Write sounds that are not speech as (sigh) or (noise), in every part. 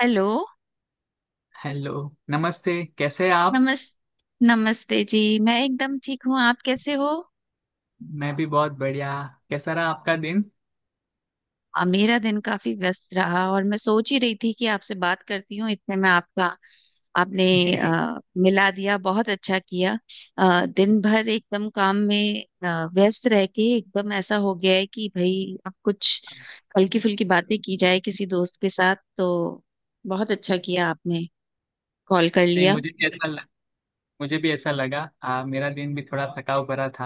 Hello. Hello. नमस्ते। कैसे हैं आप? नमस नमस्ते जी। मैं एकदम ठीक हूँ, आप कैसे हो? मैं भी बहुत बढ़िया। कैसा रहा आपका दिन? मेरा दिन काफी व्यस्त रहा और मैं सोच ही रही थी कि आपसे बात करती हूँ, इतने में आपका आपने (laughs) नहीं। मिला दिया, बहुत अच्छा किया। दिन भर एकदम काम में व्यस्त रह के एकदम ऐसा हो गया है कि भाई अब कुछ हल्की फुल्की बातें की जाए किसी दोस्त के साथ, तो बहुत अच्छा किया आपने, कॉल कर लिया। मुझे भी ऐसा लग, मुझे भी ऐसा लगा। मेरा दिन भी थोड़ा थकाव भरा था।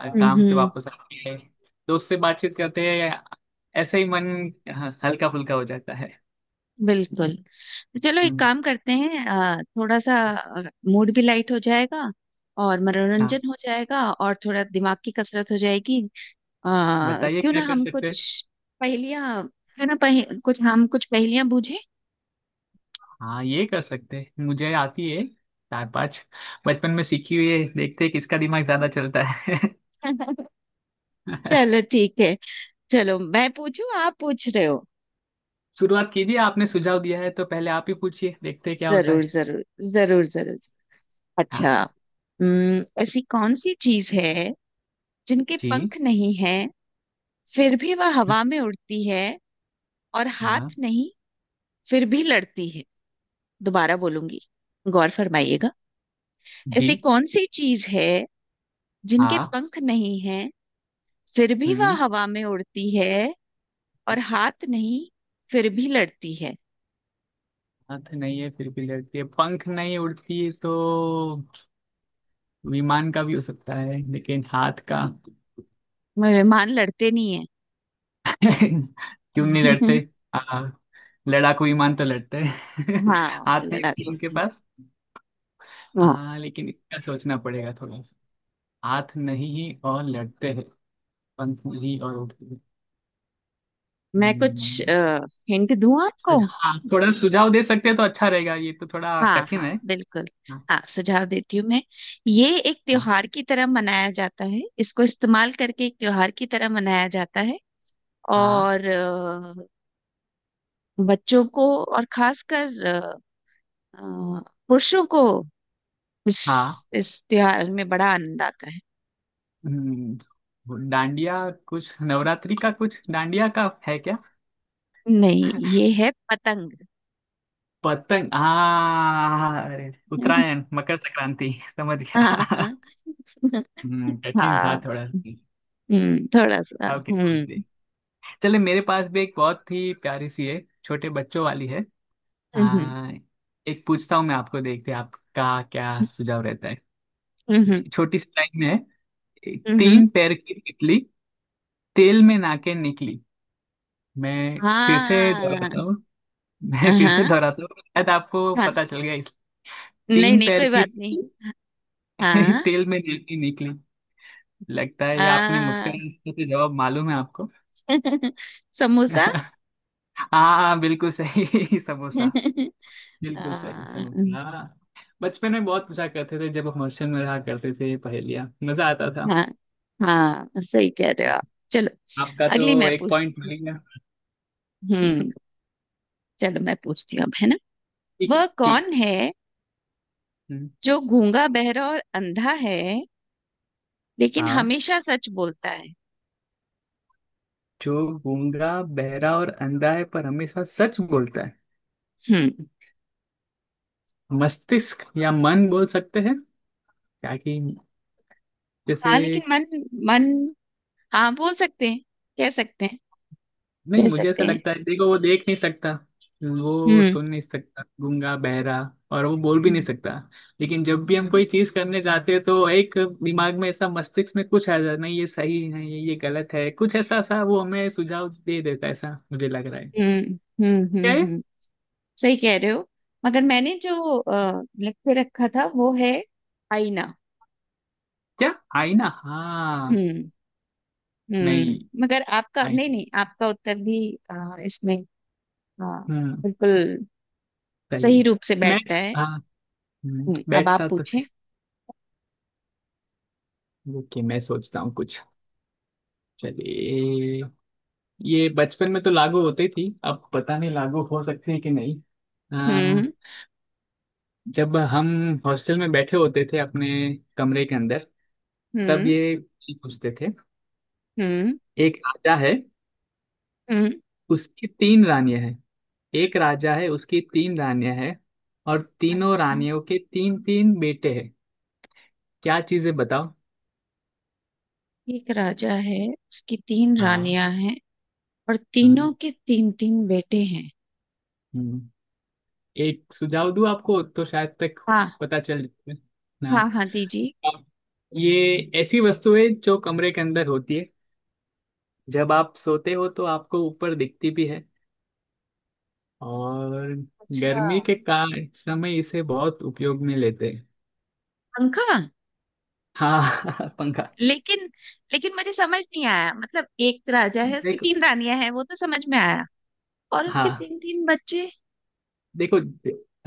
हम्म। काम से हम्म। वापस आके दोस्त से बातचीत करते हैं, ऐसे ही मन हल्का फुल्का हो जाता है। बिल्कुल। चलो एक हम्म। काम करते हैं, थोड़ा सा मूड भी लाइट हो जाएगा और हाँ मनोरंजन हो जाएगा और थोड़ा दिमाग की कसरत हो जाएगी। बताइए क्यों क्या ना कर हम सकते हैं। कुछ पहेलियां, क्यों ना कुछ हम कुछ पहेलियां बूझे। हाँ ये कर सकते हैं। मुझे आती है चार पांच, बचपन में सीखी हुई है। देखते हैं किसका दिमाग ज्यादा चलता है। (laughs) (laughs) चलो ठीक है। चलो मैं पूछूं, आप पूछ रहे हो? शुरुआत कीजिए, आपने सुझाव दिया है तो पहले आप ही पूछिए, देखते हैं क्या होता जरूर है। जरूर। जरूर जरूर। अच्छा। हाँ ऐसी कौन सी चीज है जिनके जी। पंख नहीं है फिर भी वह हवा में उड़ती है, और हाँ हाथ नहीं फिर भी लड़ती है। दोबारा बोलूंगी, गौर फरमाइएगा। जी। ऐसी कौन सी चीज है जिनके हाँ। पंख नहीं हैं फिर भी वह हम्म। हवा में उड़ती है, और हाथ नहीं फिर भी लड़ती है? हाथ नहीं है फिर भी लड़ती है, पंख नहीं उड़ती, तो विमान का भी हो सकता है लेकिन हाथ का? मेहमान लड़ते नहीं है। (laughs) क्यों नहीं लड़ते? (laughs) हाँ लड़ाकू विमान तो लड़ते हैं। (laughs) हाँ, हाथ नहीं है लड़ाकू इनके है। पास। हाँ। हाँ लेकिन इसका सोचना पड़ेगा थोड़ा सा। हाथ नहीं और लड़ते हैं, पंख नहीं और उड़ते हैं। मैं कुछ हम्म। हिंट दूं आपको? सुझाव थोड़ा सुझाव दे सकते हैं तो अच्छा रहेगा, ये तो थोड़ा हाँ कठिन हाँ है। बिल्कुल। हाँ हाँ सुझाव देती हूँ मैं। ये एक हाँ। त्योहार की तरह मनाया जाता है, इसको इस्तेमाल करके एक त्योहार की तरह मनाया जाता है। हाँ। और बच्चों को और खासकर अ, पुरुषों को हाँ। इस त्योहार में बड़ा आनंद आता है। हम्म। वो डांडिया कुछ, नवरात्रि का कुछ डांडिया का है क्या? नहीं, ये है पतंग। पतंग? हाँ अरे उत्तरायण (laughs) मकर संक्रांति समझ हाँ गया। हाँ। कठिन था हाँ। थोड़ा सुझाव थोड़ा सा। के तौर पे। हम्म। चले, मेरे पास भी एक बहुत ही प्यारी सी है, छोटे बच्चों वाली है। हम्म। आ, एक पूछता हूँ मैं आपको, देखते हैं आपका क्या सुझाव रहता है। हम्म। छोटी सी लाइन में है। हम्म। हम्म। तीन पैर की तितली, तेल में नाके निकली। मैं फिर से दोहराता हाँ। हूँ। मैं फिर से हाँ। दोहराता हूँ, शायद आपको हाँ। पता चल गया इस। नहीं तीन नहीं, पैर कोई की बात नहीं। तितली, (laughs) हाँ। तेल में नाके निकली। लगता है ये, आपने आ, मुस्कुराने से जवाब मालूम है आपको। (laughs) समोसा। (laughs) हाँ। हाँ, बिल्कुल सही। (laughs) समोसा। बिल्कुल सही समोसा। हाँ। हाँ। हाँ। बचपन में बहुत पूछा करते थे, जब हम हॉस्टल में रहा करते थे पहेलियाँ, मजा आता था। हाँ। हाँ सही कह रहे हो आप। चलो आपका तो अगली मैं एक पॉइंट पूछती। मिल गया। हम्म। (laughs) चलो मैं पूछती हूँ अब, है ना? ठीक है, वह ठीक कौन है है। हम्म। जो गूंगा बहरा और अंधा है लेकिन हाँ, हमेशा सच बोलता है? जो गूंगा बहरा और अंधा है पर हमेशा सच बोलता है, हम्म। मस्तिष्क या मन बोल सकते हैं, ताकि हाँ लेकिन जैसे। मन। मन। हाँ, बोल सकते हैं। कह सकते हैं। नहीं, कह मुझे सकते ऐसा हैं। लगता है, देखो वो देख नहीं सकता, वो हम्म। सुन नहीं सकता, गूंगा बहरा, और वो बोल भी नहीं हम्म सकता। लेकिन जब भी हम कोई चीज करने जाते हैं तो एक दिमाग में ऐसा, मस्तिष्क में कुछ आ जाता है, नहीं ये सही है, ये गलत है, कुछ ऐसा सा वो हमें सुझाव दे देता है, ऐसा मुझे लग रहा है। हम्म हम्म। क्या हम्म। है? सही कह रहे हो। मगर मैंने जो लिख के रखा था वो है आईना। क्या? आईना? हाँ। हम्म। नहीं। हम्म, मगर आपका, आई। नहीं नहीं, आपका उत्तर भी अ, इसमें अ, हम्म। बिल्कुल सही सही है। रूप से मैं। बैठता है। हाँ। अब आप बैठता तो। पूछे। ओके, मैं सोचता हूँ कुछ। चलिए। ये बचपन में तो लागू होती थी, अब पता नहीं लागू हो सकती है कि नहीं। आ, हम्म। जब हम हॉस्टल में बैठे होते थे अपने कमरे के अंदर, तब हम्म। ये पूछते थे। हम्म। एक राजा है, हम्म। उसकी तीन रानियां हैं। एक राजा है, उसकी तीन रानियां हैं, और तीनों अच्छा। रानियों के तीन तीन बेटे हैं। क्या चीजें बताओ? एक राजा है, उसकी तीन हाँ। रानियां हैं, और हाँ। तीनों के तीन तीन बेटे हैं। हम्म। एक सुझाव दूं आपको तो शायद तक हाँ पता चल ना। हाँ हाँ दीजिए। आप- ये ऐसी वस्तु है जो कमरे के अंदर होती है, जब आप सोते हो तो आपको ऊपर दिखती भी है, और अच्छा। अच्छा। गर्मी के का समय इसे बहुत उपयोग में लेते हैं। पंखा। हाँ (laughs) पंखा। लेकिन लेकिन मुझे समझ नहीं आया, मतलब एक राजा है उसकी देखो। तीन रानियां हैं वो तो समझ में आया, और उसके हाँ तीन तीन बच्चे? देखो,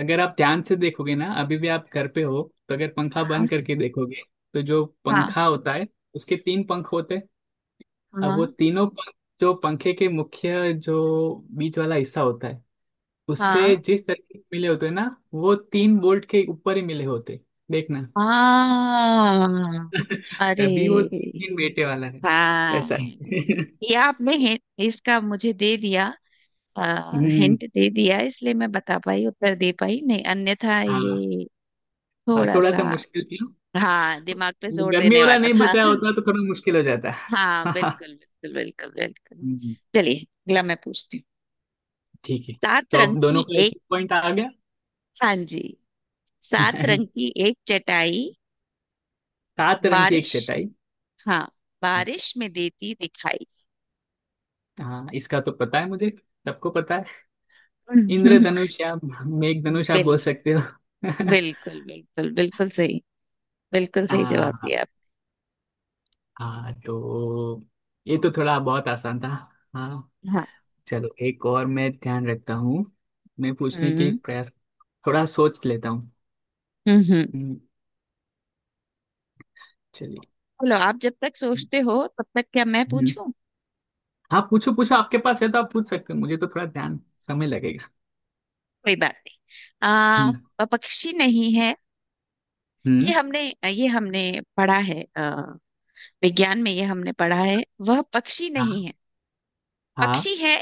अगर आप ध्यान से देखोगे ना, अभी भी आप घर पे हो, तो अगर पंखा हाँ। बंद करके देखोगे, तो जो हाँ। पंखा होता है उसके तीन पंख होते हैं। अब वो हाँ। तीनों पंख, जो पंखे के मुख्य जो बीच वाला हिस्सा होता है उससे हाँ। जिस तरीके से मिले होते हैं ना, वो तीन बोल्ट के ऊपर ही मिले होते, देखना। हाँ। (laughs) अरे तभी वो तीन तीन बेटे वाला है। ऐसा हाँ। है। (laughs) ये आपने इसका मुझे दे दिया, हम्म। हिंट दे दिया, इसलिए मैं बता पाई, उत्तर दे पाई, नहीं अन्यथा हाँ। ये हाँ, थोड़ा थोड़ा सा। सा मुश्किल थी। हाँ दिमाग पे वो जोर गर्मी देने वाला वाला नहीं था। बताया (laughs) होता तो थोड़ा मुश्किल हो जाता। हाँ बिल्कुल (laughs) बिल्कुल बिल्कुल बिल्कुल। हम्म। चलिए अगला मैं पूछती हूँ। ठीक है, सात तो रंग अब की दोनों का एक एक। एक पॉइंट आ गया। हाँ जी। सात रंग की (laughs) एक चटाई, सात रंग की एक बारिश, चटाई। हाँ, बारिश में देती दिखाई। हाँ, इसका तो पता है मुझे, सबको पता है। (laughs) इंद्रधनुष, या मेघ धनुष आप बिल बोल सकते हो। (laughs) बिल्कुल बिल्कुल बिल्कुल सही। बिल्कुल सही जवाब हाँ। दिया हाँ तो ये तो थोड़ा बहुत आसान था। हाँ। आप। चलो, एक और मैं ध्यान रखता हूँ, मैं पूछने के हम्म। प्रयास, थोड़ा सोच लेता हूँ। हम्म। हम्म। चलिए। चलो आप जब तक सोचते हो तब तक क्या मैं हम्म। पूछूं? हाँ पूछो पूछो, आपके पास है तो आप पूछ सकते हो, मुझे तो थोड़ा ध्यान, समय लगेगा। कोई बात नहीं। आ हम्म। पक्षी नहीं है। हम्म। ये हमने ये हमने पढ़ा है, विज्ञान में ये हमने पढ़ा है, वह पक्षी नहीं हाँ। है। हाँ पक्षी है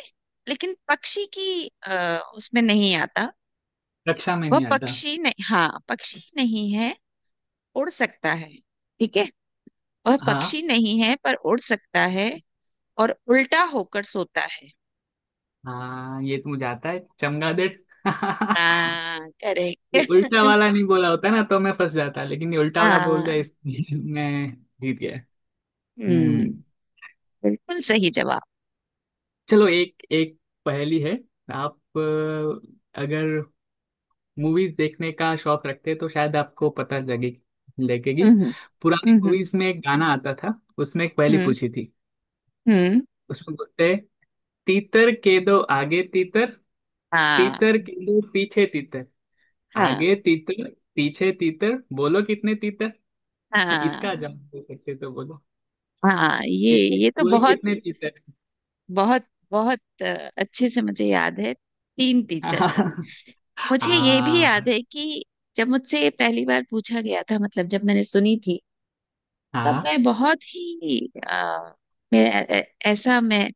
लेकिन पक्षी की उसमें नहीं आता। कक्षा में वह नहीं आता। पक्षी नहीं, हाँ पक्षी नहीं है। उड़ सकता है, ठीक है? वह हाँ। पक्षी नहीं है पर उड़ सकता है, और उल्टा होकर सोता है। हाँ, ये तो मुझे आता है, चमगादड़। (laughs) हाँ करेक्ट। ये उल्टा (laughs) वाला नहीं बोला होता ना तो मैं फंस जाता, लेकिन ये उल्टा वाला बोल दिया हाँ। इसलिए (laughs) मैं जीत गया। हम्म। हम्म। बिल्कुल सही जवाब। चलो, एक एक पहेली है। आप अगर मूवीज देखने का शौक रखते हैं तो शायद आपको पता लगे, लगेगी। हम्म। पुरानी हम्म। मूवीज में एक गाना आता था, उसमें एक पहेली हम्म। पूछी थी। हम्म। उसमें बोलते हैं: तीतर के दो आगे तीतर, हाँ। तीतर के दो पीछे तीतर, हाँ। आगे तीतर पीछे तीतर, बोलो कितने तीतर? (laughs) हाँ, इसका हाँ। जवाब दे सकते हो तो बोलो हाँ ये कि ये तो कोई बहुत, कितने पीते हैं। बहुत बहुत अच्छे से मुझे याद है, तीन तीतर। (laughs) मुझे ये भी याद हाँ। है कि जब मुझसे ये पहली बार पूछा गया था, मतलब जब मैंने सुनी थी, तब हाँ। मैं बहुत ही मैं ऐ- ऐ- ऐसा मैं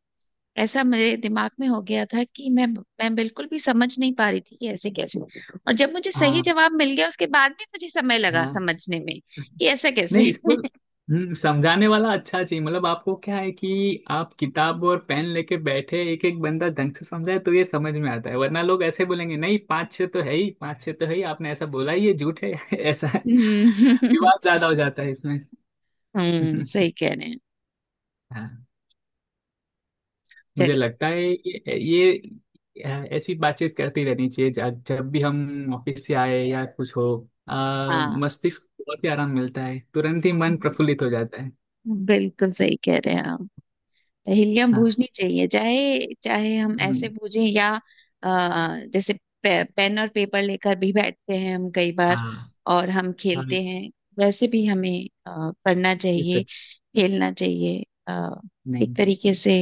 ऐसा मेरे दिमाग में हो गया था कि मैं बिल्कुल भी समझ नहीं पा रही थी कि ऐसे कैसे, और जब मुझे सही हाँ। जवाब मिल गया उसके बाद भी मुझे समय लगा हाँ। समझने में कि ऐसा नहीं, कैसे। इसको (laughs) समझाने वाला अच्छा चाहिए, मतलब आपको क्या है कि आप किताब और पेन लेके बैठे, एक एक बंदा ढंग से समझाए, तो ये समझ में आता है, वरना लोग ऐसे बोलेंगे नहीं, पाँच छः तो है ही, पाँच छः तो है ही, आपने ऐसा बोला ही, ये झूठ है। (laughs) ऐसा हम्म। विवाद ज्यादा हो जाता है इसमें। (laughs) (laughs) सही कह रहे हैं। हाँ, मुझे चलिए लगता है ये ऐसी बातचीत करती रहनी चाहिए, जब जब भी हम ऑफिस से आए या कुछ हो। हाँ मस्तिष्क को बहुत ही आराम मिलता है, तुरंत ही मन प्रफुल्लित हो जाता है। बिल्कुल सही कह रहे हैं आप। हिलियम हाँ। बूझनी चाहिए, चाहे चाहे हम ऐसे नहीं। बूझें या अ, जैसे पेन और पेपर लेकर भी बैठते हैं हम कई बार हाँ। और हम हाँ खेलते हैं। वैसे भी हमें अ, करना चाहिए, दिक्कत खेलना चाहिए। अ, एक नहीं। तरीके से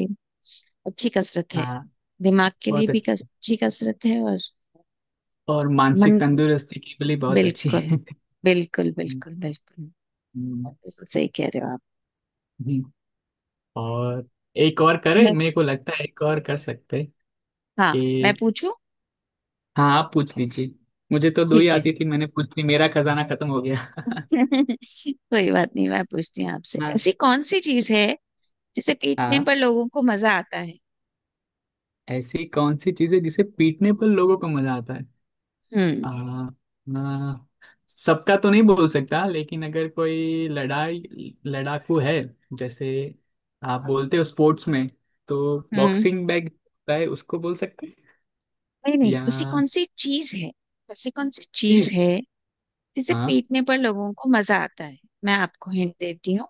अच्छी कसरत है, हाँ दिमाग के लिए बहुत भी अच्छी, अच्छी कसरत है, और और मानसिक मन तंदुरुस्ती के लिए बहुत अच्छी बिल्कुल। है। बिल्कुल हम्म। बिल्कुल बिल्कुल। बिल्कुल सही कह रहे हो आप। हम्म। और एक और करे, मैं, मेरे को लगता है एक और कर सकते हैं हाँ मैं कि। पूछूं? हाँ आप पूछ लीजिए। मुझे तो दो ही ठीक है। आती थी, मैंने पूछ ली, मेरा खजाना खत्म हो गया। (laughs) कोई बात नहीं, मैं पूछती हूँ आपसे। (laughs) हाँ। ऐसी कौन सी चीज है जिसे पीटने हाँ, पर लोगों को मजा आता है? ऐसी कौन सी चीज है जिसे पीटने पर लोगों को मजा आता है? हम्म। आ, आ, सबका तो नहीं बोल सकता, लेकिन अगर कोई लड़ाई लड़ाकू है, जैसे आप बोलते हो स्पोर्ट्स में, तो हम्म। बॉक्सिंग बैग होता है, उसको बोल सकते हैं? नहीं नहीं, या ऐसी कौन सी चीज है, ऐसी कौन सी चीज इस। है जिसे हाँ पीटने पर लोगों को मजा आता है? मैं आपको हिंट देती हूँ।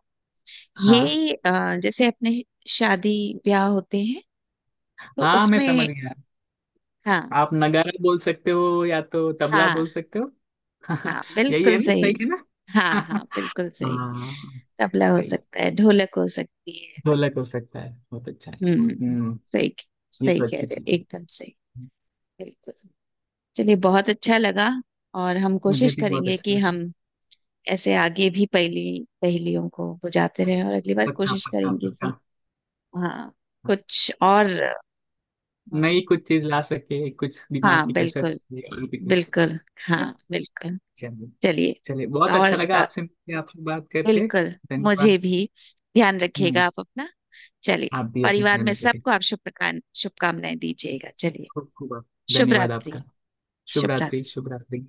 हाँ। ये जैसे अपने शादी ब्याह होते हैं, तो हाँ मैं समझ उसमें। गया। हाँ। आप नगाड़ा बोल सकते हो, या तो तबला हाँ बोल सकते हो। (laughs) हाँ यही है बिल्कुल ना, सही सही। है ना? हाँ हाँ (laughs) बिल्कुल सही। हाँ। तबला हो सही। सकता है, ढोलक हो सकती है। ढोलक हो सकता है, बहुत अच्छा है। हम्म। हम्म। सही। ये सही तो कह अच्छी रहे हो, चीज है। एकदम सही। बिल्कुल। चलिए बहुत अच्छा लगा। और हम मुझे कोशिश भी बहुत करेंगे अच्छा कि लगा। हम ऐसे आगे भी पहेली पहेलियों को बुझाते रहें, और अगली बार पक्का कोशिश पक्का करेंगे पक्का। कि हाँ, कुछ और। हाँ। नई कुछ चीज ला सके, कुछ दिमाग हाँ, की कसरत, बिल्कुल। ये और भी कुछ। बिल्कुल। हाँ। बिल्कुल। चलिए। चलिए। चलिए, बहुत और अच्छा लगा आपसे मिलके, आपसे बात करके, बिल्कुल, धन्यवाद। मुझे भी। ध्यान हम्म। रखिएगा आप अपना। चलिए आप भी अपनी परिवार ध्यान में रखें, सबको आप शुभकामनाएं दीजिएगा। चलिए खूब खूब। आप- शुभ धन्यवाद रात्रि। आपका। शुभ शुभ रात्रि। रात्रि। शुभ रात्रि।